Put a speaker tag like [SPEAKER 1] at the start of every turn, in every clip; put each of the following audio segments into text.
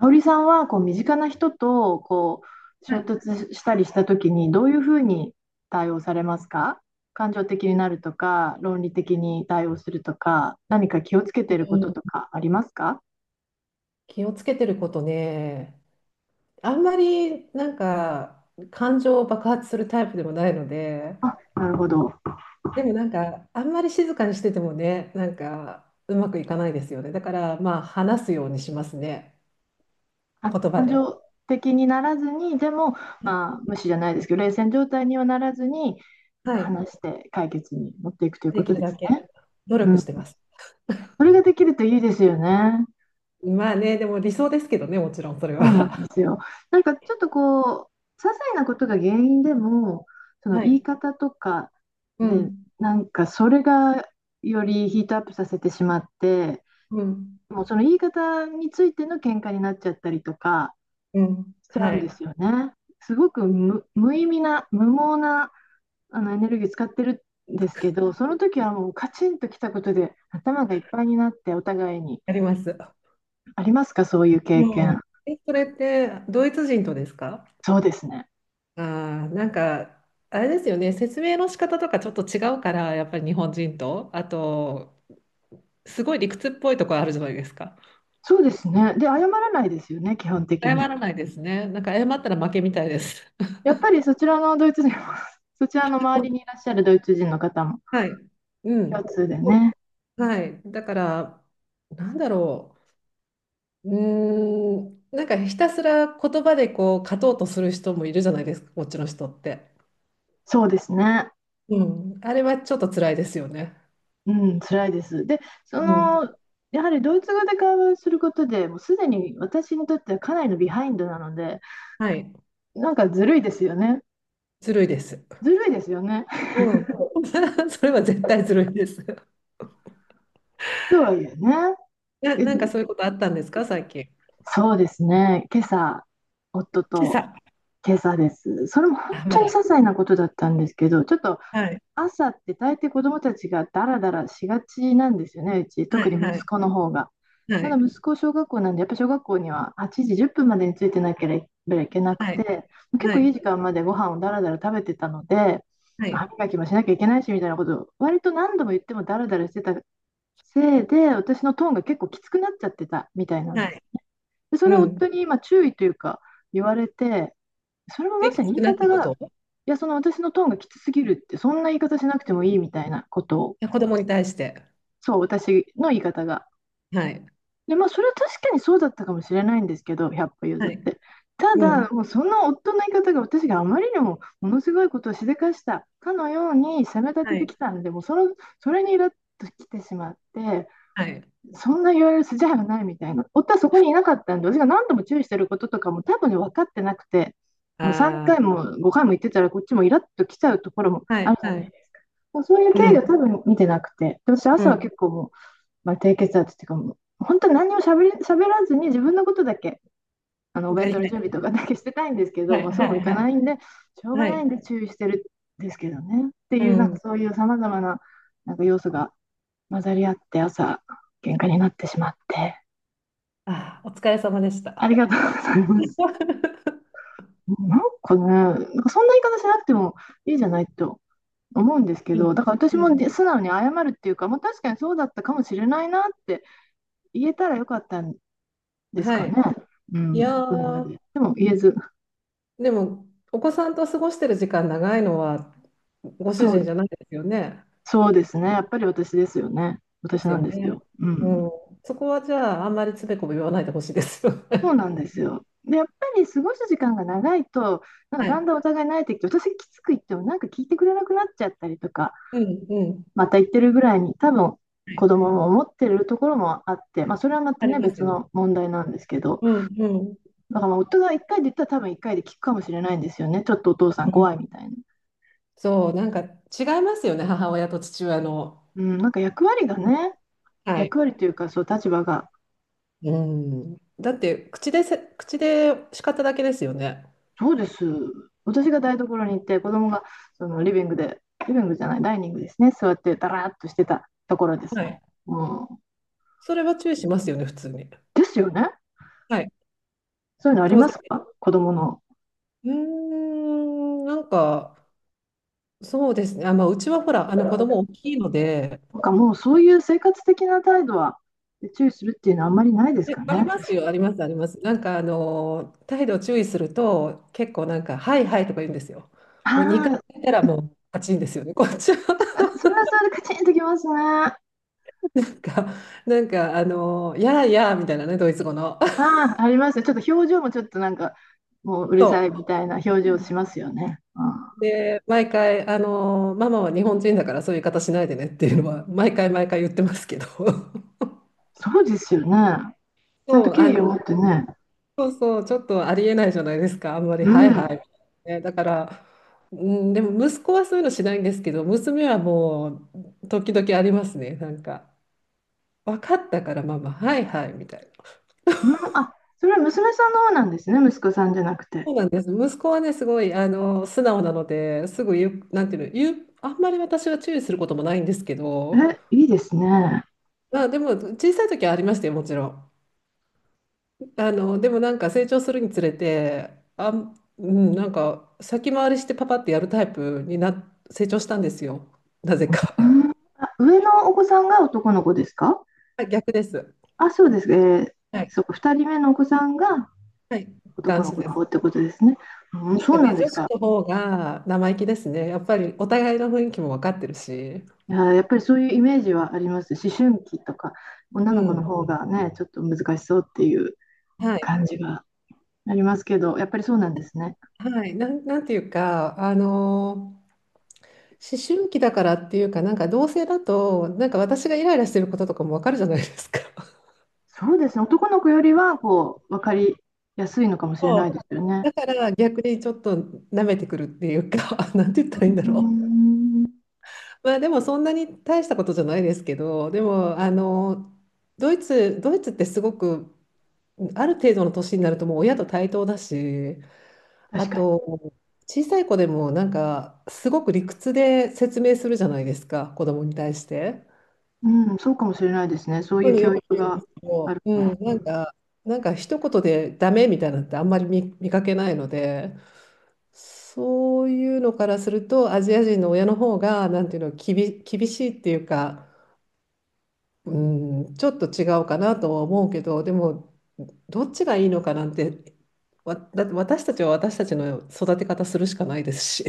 [SPEAKER 1] 香織さんはこう身近な人とこう衝突したりした時にどういうふうに対応されますか。感情的になるとか論理的に対応するとか何か気をつけ
[SPEAKER 2] う
[SPEAKER 1] てることと
[SPEAKER 2] ん。
[SPEAKER 1] かありますか。
[SPEAKER 2] 気をつけてることね、あんまりなんか感情を爆発するタイプでもないので、
[SPEAKER 1] なるほど。
[SPEAKER 2] でもなんかあんまり静かにしててもね、なんかうまくいかないですよね。だからまあ話すようにしますね、
[SPEAKER 1] あ、
[SPEAKER 2] 言葉
[SPEAKER 1] 感
[SPEAKER 2] で。
[SPEAKER 1] 情的にならずにでも、
[SPEAKER 2] はい、
[SPEAKER 1] まあ、無視じゃないですけど冷戦状態にはならずに
[SPEAKER 2] はい、
[SPEAKER 1] 話して解決に持っていくという
[SPEAKER 2] で
[SPEAKER 1] こ
[SPEAKER 2] き
[SPEAKER 1] と
[SPEAKER 2] る
[SPEAKER 1] で
[SPEAKER 2] だ
[SPEAKER 1] す
[SPEAKER 2] け
[SPEAKER 1] ね。
[SPEAKER 2] 努
[SPEAKER 1] う
[SPEAKER 2] 力
[SPEAKER 1] ん、
[SPEAKER 2] してます。
[SPEAKER 1] それができるといいですよね。
[SPEAKER 2] まあね、でも理想ですけどね、もちろんそれ
[SPEAKER 1] そうなんで
[SPEAKER 2] は。
[SPEAKER 1] すよ。なんかちょっとこう、些細なことが原因でも、そ の
[SPEAKER 2] は
[SPEAKER 1] 言
[SPEAKER 2] い。
[SPEAKER 1] い方とか
[SPEAKER 2] う
[SPEAKER 1] で、
[SPEAKER 2] ん、
[SPEAKER 1] なんかそれがよりヒートアップさせてしまって、
[SPEAKER 2] うん、
[SPEAKER 1] もうその言い方についての喧嘩になっちゃったりとか
[SPEAKER 2] うん。
[SPEAKER 1] しちゃう
[SPEAKER 2] は
[SPEAKER 1] んで
[SPEAKER 2] い。
[SPEAKER 1] すよね。すごく無意味な、無謀なあのエネルギー使ってるんですけど、その時はもうカチンときたことで頭がいっぱいになってお互いに、
[SPEAKER 2] あります。
[SPEAKER 1] ありますか、そういう経
[SPEAKER 2] うん。
[SPEAKER 1] 験。
[SPEAKER 2] え、それってドイツ人とですか？
[SPEAKER 1] そうですね。
[SPEAKER 2] ああ、なんか、あれですよね、説明の仕方とかちょっと違うから、やっぱり日本人と、あと、すごい理屈っぽいところあるじゃないですか。
[SPEAKER 1] そうですね。で、謝らないですよね、基本的
[SPEAKER 2] 謝
[SPEAKER 1] に。
[SPEAKER 2] らないですね。なんか謝ったら負けみたいです。
[SPEAKER 1] やっぱりそちらのドイツ人も そちらの周りにいらっしゃるドイツ人の方も
[SPEAKER 2] はい。う
[SPEAKER 1] 共
[SPEAKER 2] ん。
[SPEAKER 1] 通でね。
[SPEAKER 2] そう、はい。だから、なんだろう。うーん、なんかひたすら言葉でこう勝とうとする人もいるじゃないですか、こっちの人って。
[SPEAKER 1] そうですね。
[SPEAKER 2] うん。あれはちょっと辛いですよね。
[SPEAKER 1] うん、辛いです。で、そ
[SPEAKER 2] うん。
[SPEAKER 1] の、やはりドイツ語で会話をすることで、もうすでに私にとってはかなりのビハインドなので、
[SPEAKER 2] はい。
[SPEAKER 1] なんかずるいですよね。
[SPEAKER 2] ずるいです。
[SPEAKER 1] ずるいですよね。
[SPEAKER 2] うん。それは絶対ずるいです。
[SPEAKER 1] とはいえね。
[SPEAKER 2] な、
[SPEAKER 1] え、
[SPEAKER 2] なんかそういうことあったんですか、最近。
[SPEAKER 1] そうですね。今朝、夫
[SPEAKER 2] 今
[SPEAKER 1] と
[SPEAKER 2] 朝。
[SPEAKER 1] 今朝です。それも本
[SPEAKER 2] あ、ま
[SPEAKER 1] 当に些
[SPEAKER 2] だ。
[SPEAKER 1] 細なことだったんですけど、ちょっと
[SPEAKER 2] はい。
[SPEAKER 1] 朝って大抵子供たちがダラダラしがちなんですよね、うち。
[SPEAKER 2] は
[SPEAKER 1] 特
[SPEAKER 2] い。
[SPEAKER 1] に
[SPEAKER 2] は
[SPEAKER 1] 息子
[SPEAKER 2] い。
[SPEAKER 1] の方が。
[SPEAKER 2] は
[SPEAKER 1] ただ
[SPEAKER 2] い。
[SPEAKER 1] 息子小学校なんで、やっぱ小学校には8時10分までについてなければいけなく
[SPEAKER 2] はい。
[SPEAKER 1] て、結
[SPEAKER 2] は
[SPEAKER 1] 構いい
[SPEAKER 2] い。
[SPEAKER 1] 時間までご飯をダラダラ食べてたので、
[SPEAKER 2] はい。
[SPEAKER 1] 歯磨きもしなきゃいけないしみたいなことを割と何度も言ってもダラダラしてたせいで、私のトーンが結構きつくなっちゃってたみたいなん
[SPEAKER 2] は
[SPEAKER 1] です
[SPEAKER 2] い。
[SPEAKER 1] ね。でそれ
[SPEAKER 2] う
[SPEAKER 1] を夫
[SPEAKER 2] ん。
[SPEAKER 1] に今注意というか言われて、それもま
[SPEAKER 2] え、き
[SPEAKER 1] さ
[SPEAKER 2] つ
[SPEAKER 1] に言
[SPEAKER 2] く
[SPEAKER 1] い
[SPEAKER 2] なった
[SPEAKER 1] 方
[SPEAKER 2] こ
[SPEAKER 1] が、い
[SPEAKER 2] とい
[SPEAKER 1] や、その私のトーンがきつすぎるって、そんな言い方しなくてもいいみたいなことを、
[SPEAKER 2] や子供に対して。
[SPEAKER 1] そう、私の言い方が。
[SPEAKER 2] はい。
[SPEAKER 1] で、まあ、それは確かにそうだったかもしれないんですけど、100歩譲
[SPEAKER 2] は
[SPEAKER 1] っ
[SPEAKER 2] い。
[SPEAKER 1] て。た
[SPEAKER 2] うん。
[SPEAKER 1] だ、もうその夫の言い方が私があまりにもものすごいことをしでかしたかのように責め立
[SPEAKER 2] は
[SPEAKER 1] てて
[SPEAKER 2] い。
[SPEAKER 1] きたんで、もうその、それにイラッときてしまって、
[SPEAKER 2] はい。
[SPEAKER 1] そんな言われる筋合いはないみたいな。夫はそこにいなかったんで、私が何度も注意してることとかも多分ね、分かってなくて、もう3
[SPEAKER 2] あ
[SPEAKER 1] 回
[SPEAKER 2] あ。
[SPEAKER 1] も5回も言ってたら、こっちもイラッと来ちゃうところも
[SPEAKER 2] はい。
[SPEAKER 1] あるじゃ
[SPEAKER 2] は
[SPEAKER 1] ない
[SPEAKER 2] い。
[SPEAKER 1] ですか。そういう
[SPEAKER 2] う
[SPEAKER 1] 経緯を
[SPEAKER 2] ん。
[SPEAKER 1] 多分見てなくて、私、
[SPEAKER 2] う
[SPEAKER 1] 朝は
[SPEAKER 2] ん。
[SPEAKER 1] 結構もう、まあ、低血圧っていうかもう、本当に何もしゃべり、しゃべらずに自分のことだけ、あのお弁
[SPEAKER 2] や
[SPEAKER 1] 当
[SPEAKER 2] り
[SPEAKER 1] の
[SPEAKER 2] た
[SPEAKER 1] 準備
[SPEAKER 2] い。
[SPEAKER 1] とかだけしてたいんですけ
[SPEAKER 2] は
[SPEAKER 1] ど、
[SPEAKER 2] い。
[SPEAKER 1] まあ、そう
[SPEAKER 2] は
[SPEAKER 1] もい
[SPEAKER 2] い。は
[SPEAKER 1] かな
[SPEAKER 2] い。
[SPEAKER 1] いんで、しょうが
[SPEAKER 2] は
[SPEAKER 1] ないん
[SPEAKER 2] い。
[SPEAKER 1] で注意してるんですけどね。って
[SPEAKER 2] う
[SPEAKER 1] いう、なん
[SPEAKER 2] ん。
[SPEAKER 1] かそういうさまざまな、なんか要素が混ざり合って、朝、喧嘩になってしまって。
[SPEAKER 2] ああ、お疲れ様でし
[SPEAKER 1] あ
[SPEAKER 2] た。
[SPEAKER 1] りがとうございます。なんかね、なんかそんな言い方しなくてもいいじゃないと思うんですけ
[SPEAKER 2] う
[SPEAKER 1] ど、
[SPEAKER 2] ん。
[SPEAKER 1] だから
[SPEAKER 2] う
[SPEAKER 1] 私も
[SPEAKER 2] ん。
[SPEAKER 1] で素直に謝るっていうか、もう確かにそうだったかもしれないなって言えたらよかったんです
[SPEAKER 2] は
[SPEAKER 1] かね。
[SPEAKER 2] い。
[SPEAKER 1] う
[SPEAKER 2] いや
[SPEAKER 1] ん、それま
[SPEAKER 2] ー、
[SPEAKER 1] で。でも言えず、
[SPEAKER 2] でも、お子さんと過ごしてる時間長いのは、ご
[SPEAKER 1] そ
[SPEAKER 2] 主
[SPEAKER 1] う、
[SPEAKER 2] 人じゃないですよね。
[SPEAKER 1] そうですね。やっぱり私ですよね。
[SPEAKER 2] で
[SPEAKER 1] 私
[SPEAKER 2] す
[SPEAKER 1] な
[SPEAKER 2] よ
[SPEAKER 1] んです
[SPEAKER 2] ね。
[SPEAKER 1] よ。う
[SPEAKER 2] う
[SPEAKER 1] ん、
[SPEAKER 2] ん。そこはじゃあ、あんまりつべこべ言わないでほしいですよ
[SPEAKER 1] そ
[SPEAKER 2] ね。
[SPEAKER 1] うなんですよ。で、やっぱり過ごす時間が長いと、なん
[SPEAKER 2] は
[SPEAKER 1] かだん
[SPEAKER 2] い。
[SPEAKER 1] だんお互い慣れてきて、私きつく言ってもなんか聞いてくれなくなっちゃったりとか、
[SPEAKER 2] うんうん。
[SPEAKER 1] また言ってるぐらいに多分子供も思ってるところもあって、まあ、それはまた
[SPEAKER 2] あり
[SPEAKER 1] ね
[SPEAKER 2] ます
[SPEAKER 1] 別
[SPEAKER 2] よ。
[SPEAKER 1] の問題なんですけど、
[SPEAKER 2] うんうん。
[SPEAKER 1] だからまあ夫が一回で言ったら多分一回で聞くかもしれないんですよね。ちょっとお父さん
[SPEAKER 2] うん、
[SPEAKER 1] 怖いみたいな、
[SPEAKER 2] そう、なんか違いますよね、母親と父親の。
[SPEAKER 1] うん、なんか役割がね、
[SPEAKER 2] はい。
[SPEAKER 1] 役割というかそう立場が、
[SPEAKER 2] うん。だって、口で叱っただけですよね。
[SPEAKER 1] そうです。私が台所に行って子供がそのリビングで、リビングじゃないダイニングですね、座ってダラーっとしてたところです
[SPEAKER 2] は
[SPEAKER 1] ね、
[SPEAKER 2] い。
[SPEAKER 1] うん、
[SPEAKER 2] それは注意しますよね、普通に。
[SPEAKER 1] ですよね。
[SPEAKER 2] はい。
[SPEAKER 1] そういうのあり
[SPEAKER 2] 当
[SPEAKER 1] ま
[SPEAKER 2] 然。
[SPEAKER 1] すか、子供の。
[SPEAKER 2] うーん、なんか、そうですね。あ、まあ、うちはほら、あの子供大きいので、
[SPEAKER 1] なんかもうそういう生活的な態度は注意するっていうのはあんまりないです
[SPEAKER 2] え、
[SPEAKER 1] か
[SPEAKER 2] あり
[SPEAKER 1] ね。
[SPEAKER 2] ますよ、あります、あります。なんか、あの、態度を注意すると、結構なんか、はいはいとか言うんですよ。もう2
[SPEAKER 1] あ
[SPEAKER 2] 回言ったらもう、パチンですよね。こっちは
[SPEAKER 1] あ、それはそれでカチンときますね。あ
[SPEAKER 2] なんか、なんか、あの、やあやあみたいなね、ドイツ語の。
[SPEAKER 1] あ、ありますね。ちょっと表情もちょっとなんか、もうう る
[SPEAKER 2] そ
[SPEAKER 1] さいみたいな表
[SPEAKER 2] う。う
[SPEAKER 1] 情し
[SPEAKER 2] ん
[SPEAKER 1] ますよね。ああ、
[SPEAKER 2] で、毎回、あの、ママは日本人だからそういう言い方しないでねっていうのは、毎回毎回言ってますけど。
[SPEAKER 1] そうですよね。ちゃんと
[SPEAKER 2] そう、あ
[SPEAKER 1] 敬意を持
[SPEAKER 2] の、
[SPEAKER 1] ってね。
[SPEAKER 2] そうそう、ちょっとありえないじゃないですか、あんまり、
[SPEAKER 1] う
[SPEAKER 2] はいは
[SPEAKER 1] ん。
[SPEAKER 2] い。ね、だから、うん、でも息子はそういうのしないんですけど、娘はもう、時々ありますね、なんか、分かったから、ママ、はいはいみたいな。
[SPEAKER 1] うん、あ、それは娘さんの方なんですね。息子さんじゃなくて。
[SPEAKER 2] そうなんです、息子はね、すごいあの素直なので、すぐ言う、なんていうの、言う、あんまり私は注意することもないんですけど、
[SPEAKER 1] え、いいですね。
[SPEAKER 2] まあ、でも、小さい時はありましたよ、もちろん。あの、でもなんか成長するにつれて、なんか先回りしてパパってやるタイプに成長したんですよ。なぜ
[SPEAKER 1] う
[SPEAKER 2] か。
[SPEAKER 1] ん、あ、上のお子さんが男の子ですか。
[SPEAKER 2] あ、逆です。
[SPEAKER 1] あ、そうです。えー、
[SPEAKER 2] はい。
[SPEAKER 1] そうか、2人目のお子さんが
[SPEAKER 2] はい。
[SPEAKER 1] 男
[SPEAKER 2] 男
[SPEAKER 1] の
[SPEAKER 2] 子
[SPEAKER 1] 子
[SPEAKER 2] で
[SPEAKER 1] の
[SPEAKER 2] す。
[SPEAKER 1] 方ってことですね。うん、
[SPEAKER 2] なん
[SPEAKER 1] そ
[SPEAKER 2] か
[SPEAKER 1] うなん
[SPEAKER 2] ね、
[SPEAKER 1] で
[SPEAKER 2] 女
[SPEAKER 1] す
[SPEAKER 2] 子
[SPEAKER 1] か。
[SPEAKER 2] の方が生意気ですね。やっぱりお互いの雰囲気も分かってるし。
[SPEAKER 1] いや、やっぱりそういうイメージはあります。思春期とか、女
[SPEAKER 2] う
[SPEAKER 1] の子の
[SPEAKER 2] ん。
[SPEAKER 1] 方がね、ちょっと難しそうっていう
[SPEAKER 2] はい。
[SPEAKER 1] 感じがありますけど、やっぱりそうなんですね。
[SPEAKER 2] はい。なんていうか、思春期だからっていうか、なんか同性だと、なんか私がイライラしてることとかも分かるじゃないですか。
[SPEAKER 1] そうですね。男の子よりは、こう、分かりやすいのかもしれない
[SPEAKER 2] そ
[SPEAKER 1] で
[SPEAKER 2] う、
[SPEAKER 1] すよね。
[SPEAKER 2] だから逆にちょっと舐めてくるっていうか なんて言ったらい
[SPEAKER 1] う
[SPEAKER 2] いんだ
[SPEAKER 1] ー
[SPEAKER 2] ろう。
[SPEAKER 1] ん、
[SPEAKER 2] まあでもそんなに大したことじゃないですけど、でもあのドイツってすごくある程度の年になるともう親と対等だし、あ
[SPEAKER 1] 確かに。
[SPEAKER 2] と小さい子でもなんかすごく理屈で説明するじゃないですか、子供に対して。
[SPEAKER 1] うん、そうかもしれないですね。そう
[SPEAKER 2] そ
[SPEAKER 1] い
[SPEAKER 2] ういう
[SPEAKER 1] う
[SPEAKER 2] のよ
[SPEAKER 1] 教
[SPEAKER 2] く
[SPEAKER 1] 育
[SPEAKER 2] 言うんで
[SPEAKER 1] が
[SPEAKER 2] すけど、
[SPEAKER 1] ある。
[SPEAKER 2] うん、なんか、なんか一言でダメみたいなのってあんまり見かけないので。そういうのからすると、アジア人の親の方が、なんていうの、厳しいっていうか、うん、ちょっと違うかなとは思うけど、でも、どっちがいいのかなんて、だって私たちは私たちの育て方するしかないですし。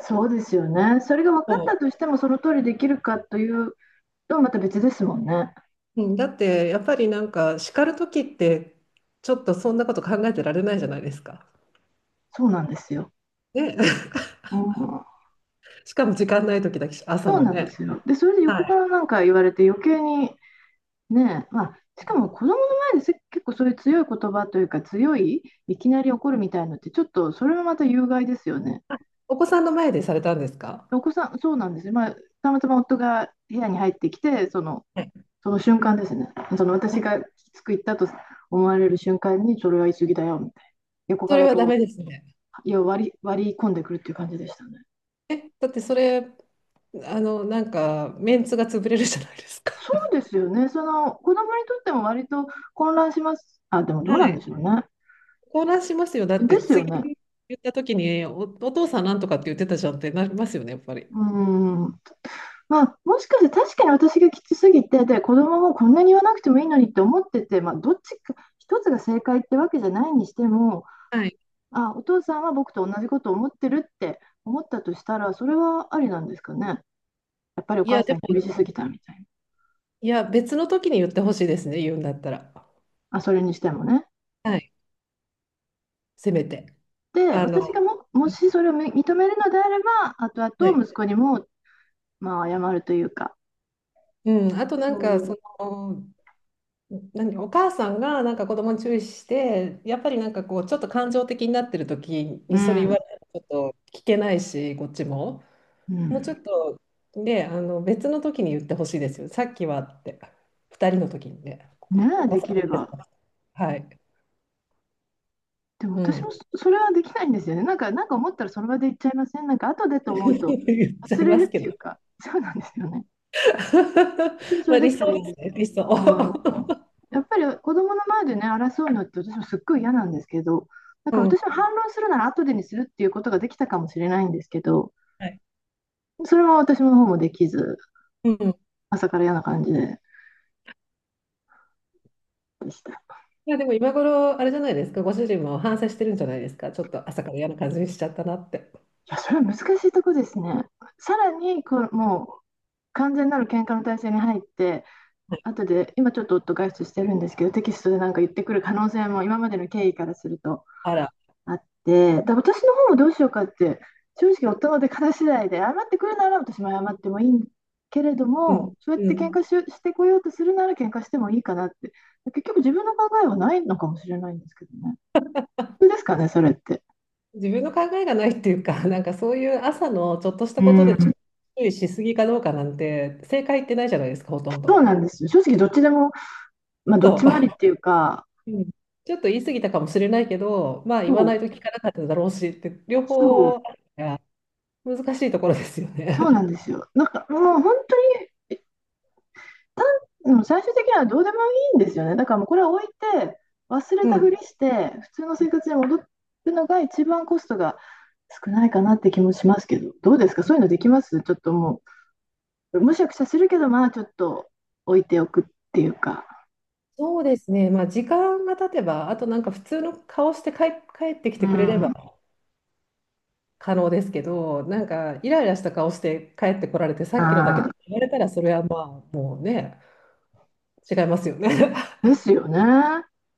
[SPEAKER 1] そうですよね。それが分かったとしても、その通りできるかというと、また別ですもんね。
[SPEAKER 2] うん。だって、やっぱりなんか、叱る時って、ちょっとそんなこと考えてられないじゃないですか。
[SPEAKER 1] そうなんですよ。
[SPEAKER 2] ね。
[SPEAKER 1] うん、
[SPEAKER 2] しかも時間ない時だし、朝
[SPEAKER 1] そう
[SPEAKER 2] の
[SPEAKER 1] なんで
[SPEAKER 2] ね。
[SPEAKER 1] すよ。で、それで横
[SPEAKER 2] は
[SPEAKER 1] か
[SPEAKER 2] い。
[SPEAKER 1] らなんか言われて余計にね、まあ、しかも子供の前で結構そういう強い言葉というか強い、いきなり怒るみたいのってちょっとそれもまた有害ですよね。
[SPEAKER 2] あ、お子さんの前でされたんですか
[SPEAKER 1] お子さん、そうなんですよ。まあ、たまたま夫が部屋に入ってきて、その、
[SPEAKER 2] はい
[SPEAKER 1] その瞬間ですね。その私がきつく言ったと思われる瞬間にそれは言い過ぎだよみたいな。横
[SPEAKER 2] そ
[SPEAKER 1] か
[SPEAKER 2] れ
[SPEAKER 1] ら
[SPEAKER 2] は
[SPEAKER 1] こ
[SPEAKER 2] ダ
[SPEAKER 1] う、
[SPEAKER 2] メですね。
[SPEAKER 1] 割り込んでくるっていう感じでしたね。
[SPEAKER 2] え、だってそれ、あの、なんか、メンツが潰れるじゃないですか。
[SPEAKER 1] そうですよね。その子供にとっても割と混乱します。あ、でもどう
[SPEAKER 2] は
[SPEAKER 1] なんでしょ
[SPEAKER 2] い。
[SPEAKER 1] うね。
[SPEAKER 2] 混乱しますよ。だっ
[SPEAKER 1] で
[SPEAKER 2] て、
[SPEAKER 1] すよ
[SPEAKER 2] 次
[SPEAKER 1] ね。
[SPEAKER 2] 言った時にお父さんなんとかって言ってたじゃんってなりますよね、やっぱり。
[SPEAKER 1] うーん。まあ、もしかして確かに私がきつすぎて、で、子供もこんなに言わなくてもいいのにって思ってて、まあ、どっちか、一つが正解ってわけじゃないにしても、
[SPEAKER 2] はい。
[SPEAKER 1] あ、お父さんは僕と同じことを思ってるって思ったとしたら、それはありなんですかね。やっぱりお
[SPEAKER 2] いや、
[SPEAKER 1] 母
[SPEAKER 2] で
[SPEAKER 1] さん
[SPEAKER 2] も、
[SPEAKER 1] 厳しすぎたみたいな。
[SPEAKER 2] いや、別の時に言ってほしいですね、言うんだったら。
[SPEAKER 1] あ、それにしてもね。
[SPEAKER 2] はい。せめて。
[SPEAKER 1] で、
[SPEAKER 2] あ
[SPEAKER 1] 私
[SPEAKER 2] の、
[SPEAKER 1] がもしそれを認めるのであれば、後
[SPEAKER 2] はい。
[SPEAKER 1] 々息子にも、まあ、謝るというか、
[SPEAKER 2] うん、あとな
[SPEAKER 1] そ
[SPEAKER 2] ん
[SPEAKER 1] う
[SPEAKER 2] か、
[SPEAKER 1] いう。
[SPEAKER 2] その、何、お母さんがなんか子供に注意して、やっぱりなんかこう、ちょっと感情的になってる時
[SPEAKER 1] う
[SPEAKER 2] にそれ言わ
[SPEAKER 1] ん。
[SPEAKER 2] れたらちょっと聞けないし、こっちも。
[SPEAKER 1] う
[SPEAKER 2] もうちょ
[SPEAKER 1] ん。
[SPEAKER 2] っとね、あの別の時に言ってほしいですよ。さっきはって、2人の時にね、
[SPEAKER 1] ね
[SPEAKER 2] お
[SPEAKER 1] え、
[SPEAKER 2] 子
[SPEAKER 1] でき
[SPEAKER 2] さ
[SPEAKER 1] れ
[SPEAKER 2] ん、
[SPEAKER 1] ば。
[SPEAKER 2] はい、
[SPEAKER 1] でも
[SPEAKER 2] う
[SPEAKER 1] 私
[SPEAKER 2] ん、
[SPEAKER 1] もそれはできないんですよね。なんか、なんか思ったらその場で言っちゃいません。なんか後で と思うと
[SPEAKER 2] 言っちゃ
[SPEAKER 1] 忘
[SPEAKER 2] い
[SPEAKER 1] れ
[SPEAKER 2] ます
[SPEAKER 1] るっ
[SPEAKER 2] け
[SPEAKER 1] て
[SPEAKER 2] ど、
[SPEAKER 1] い うか、そうなんですよね。本当にそ
[SPEAKER 2] ま
[SPEAKER 1] れ
[SPEAKER 2] あ
[SPEAKER 1] で
[SPEAKER 2] 理
[SPEAKER 1] き
[SPEAKER 2] 想
[SPEAKER 1] たらいいん
[SPEAKER 2] で
[SPEAKER 1] で
[SPEAKER 2] す
[SPEAKER 1] すけ
[SPEAKER 2] ね、
[SPEAKER 1] ど。
[SPEAKER 2] 理想。
[SPEAKER 1] うん、 やっぱり子供の前でね、争うのって私もすっごい嫌なんですけど、なん
[SPEAKER 2] う
[SPEAKER 1] か
[SPEAKER 2] ん、
[SPEAKER 1] 私も反論するなら後でにするっていうことができたかもしれないんですけど、
[SPEAKER 2] はい、
[SPEAKER 1] それは私の方もできず、
[SPEAKER 2] うん。
[SPEAKER 1] 朝から嫌な感じでした。い
[SPEAKER 2] いやでも今頃、あれじゃないですか、ご主人も反省してるんじゃないですか、ちょっと朝から嫌な感じにしちゃったなって。
[SPEAKER 1] や、それは難しいとこですね。さらにこう、もう完全なる喧嘩の体制に入って、
[SPEAKER 2] はい。
[SPEAKER 1] 後で、今ちょっと夫外出してるんですけど、テキストでなんか言ってくる可能性も今までの経緯からすると
[SPEAKER 2] あら、
[SPEAKER 1] あって、だ私の方もどうしようかって、正直夫の出方次第で、謝ってくるなら私も謝ってもいいけれど
[SPEAKER 2] うん、
[SPEAKER 1] も、そうやっ
[SPEAKER 2] う
[SPEAKER 1] て喧
[SPEAKER 2] ん。
[SPEAKER 1] 嘩し、してこようとするなら喧嘩してもいいかなって、結局自分の考えはないのかもしれないんですけどね。そうですかね、それって。
[SPEAKER 2] 自分の考えがないっていうか、なんかそういう朝のちょっとした
[SPEAKER 1] う
[SPEAKER 2] ことで注
[SPEAKER 1] ん、
[SPEAKER 2] 意しすぎかどうかなんて、正解ってないじゃないですか、ほとん
[SPEAKER 1] そうな
[SPEAKER 2] ど。
[SPEAKER 1] んですよ。正直どっちでも、まあ、どっ
[SPEAKER 2] そ
[SPEAKER 1] ちもありっ
[SPEAKER 2] う、
[SPEAKER 1] ていうか、
[SPEAKER 2] うん。ちょっと言い過ぎたかもしれないけど、まあ
[SPEAKER 1] そ
[SPEAKER 2] 言わな
[SPEAKER 1] う、
[SPEAKER 2] いと聞かなかっただろうしって、両
[SPEAKER 1] そう、
[SPEAKER 2] 方あるから難しいところですよね。
[SPEAKER 1] そうなんで すよ。なんかもうでも最終的にはどうでもいいんですよね。だからもうこれは置いて、忘れ
[SPEAKER 2] う
[SPEAKER 1] た
[SPEAKER 2] ん、
[SPEAKER 1] ふりして、普通の生活に戻るのが一番コストが少ないかなって気もしますけど、どうですかそういうのできますちょっともう、むしゃくしゃするけど、まあちょっと置いておくっていうか。
[SPEAKER 2] そうですね、まあ時間が経てば、あとなんか普通の顔して帰ってきて
[SPEAKER 1] う
[SPEAKER 2] くれれば
[SPEAKER 1] ん。
[SPEAKER 2] 可能ですけど、なんかイライラした顔して帰ってこられて、さっきのだけ
[SPEAKER 1] あ
[SPEAKER 2] ど言われたら、それはまあね、違いますよね。
[SPEAKER 1] ーですよね。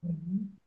[SPEAKER 2] うん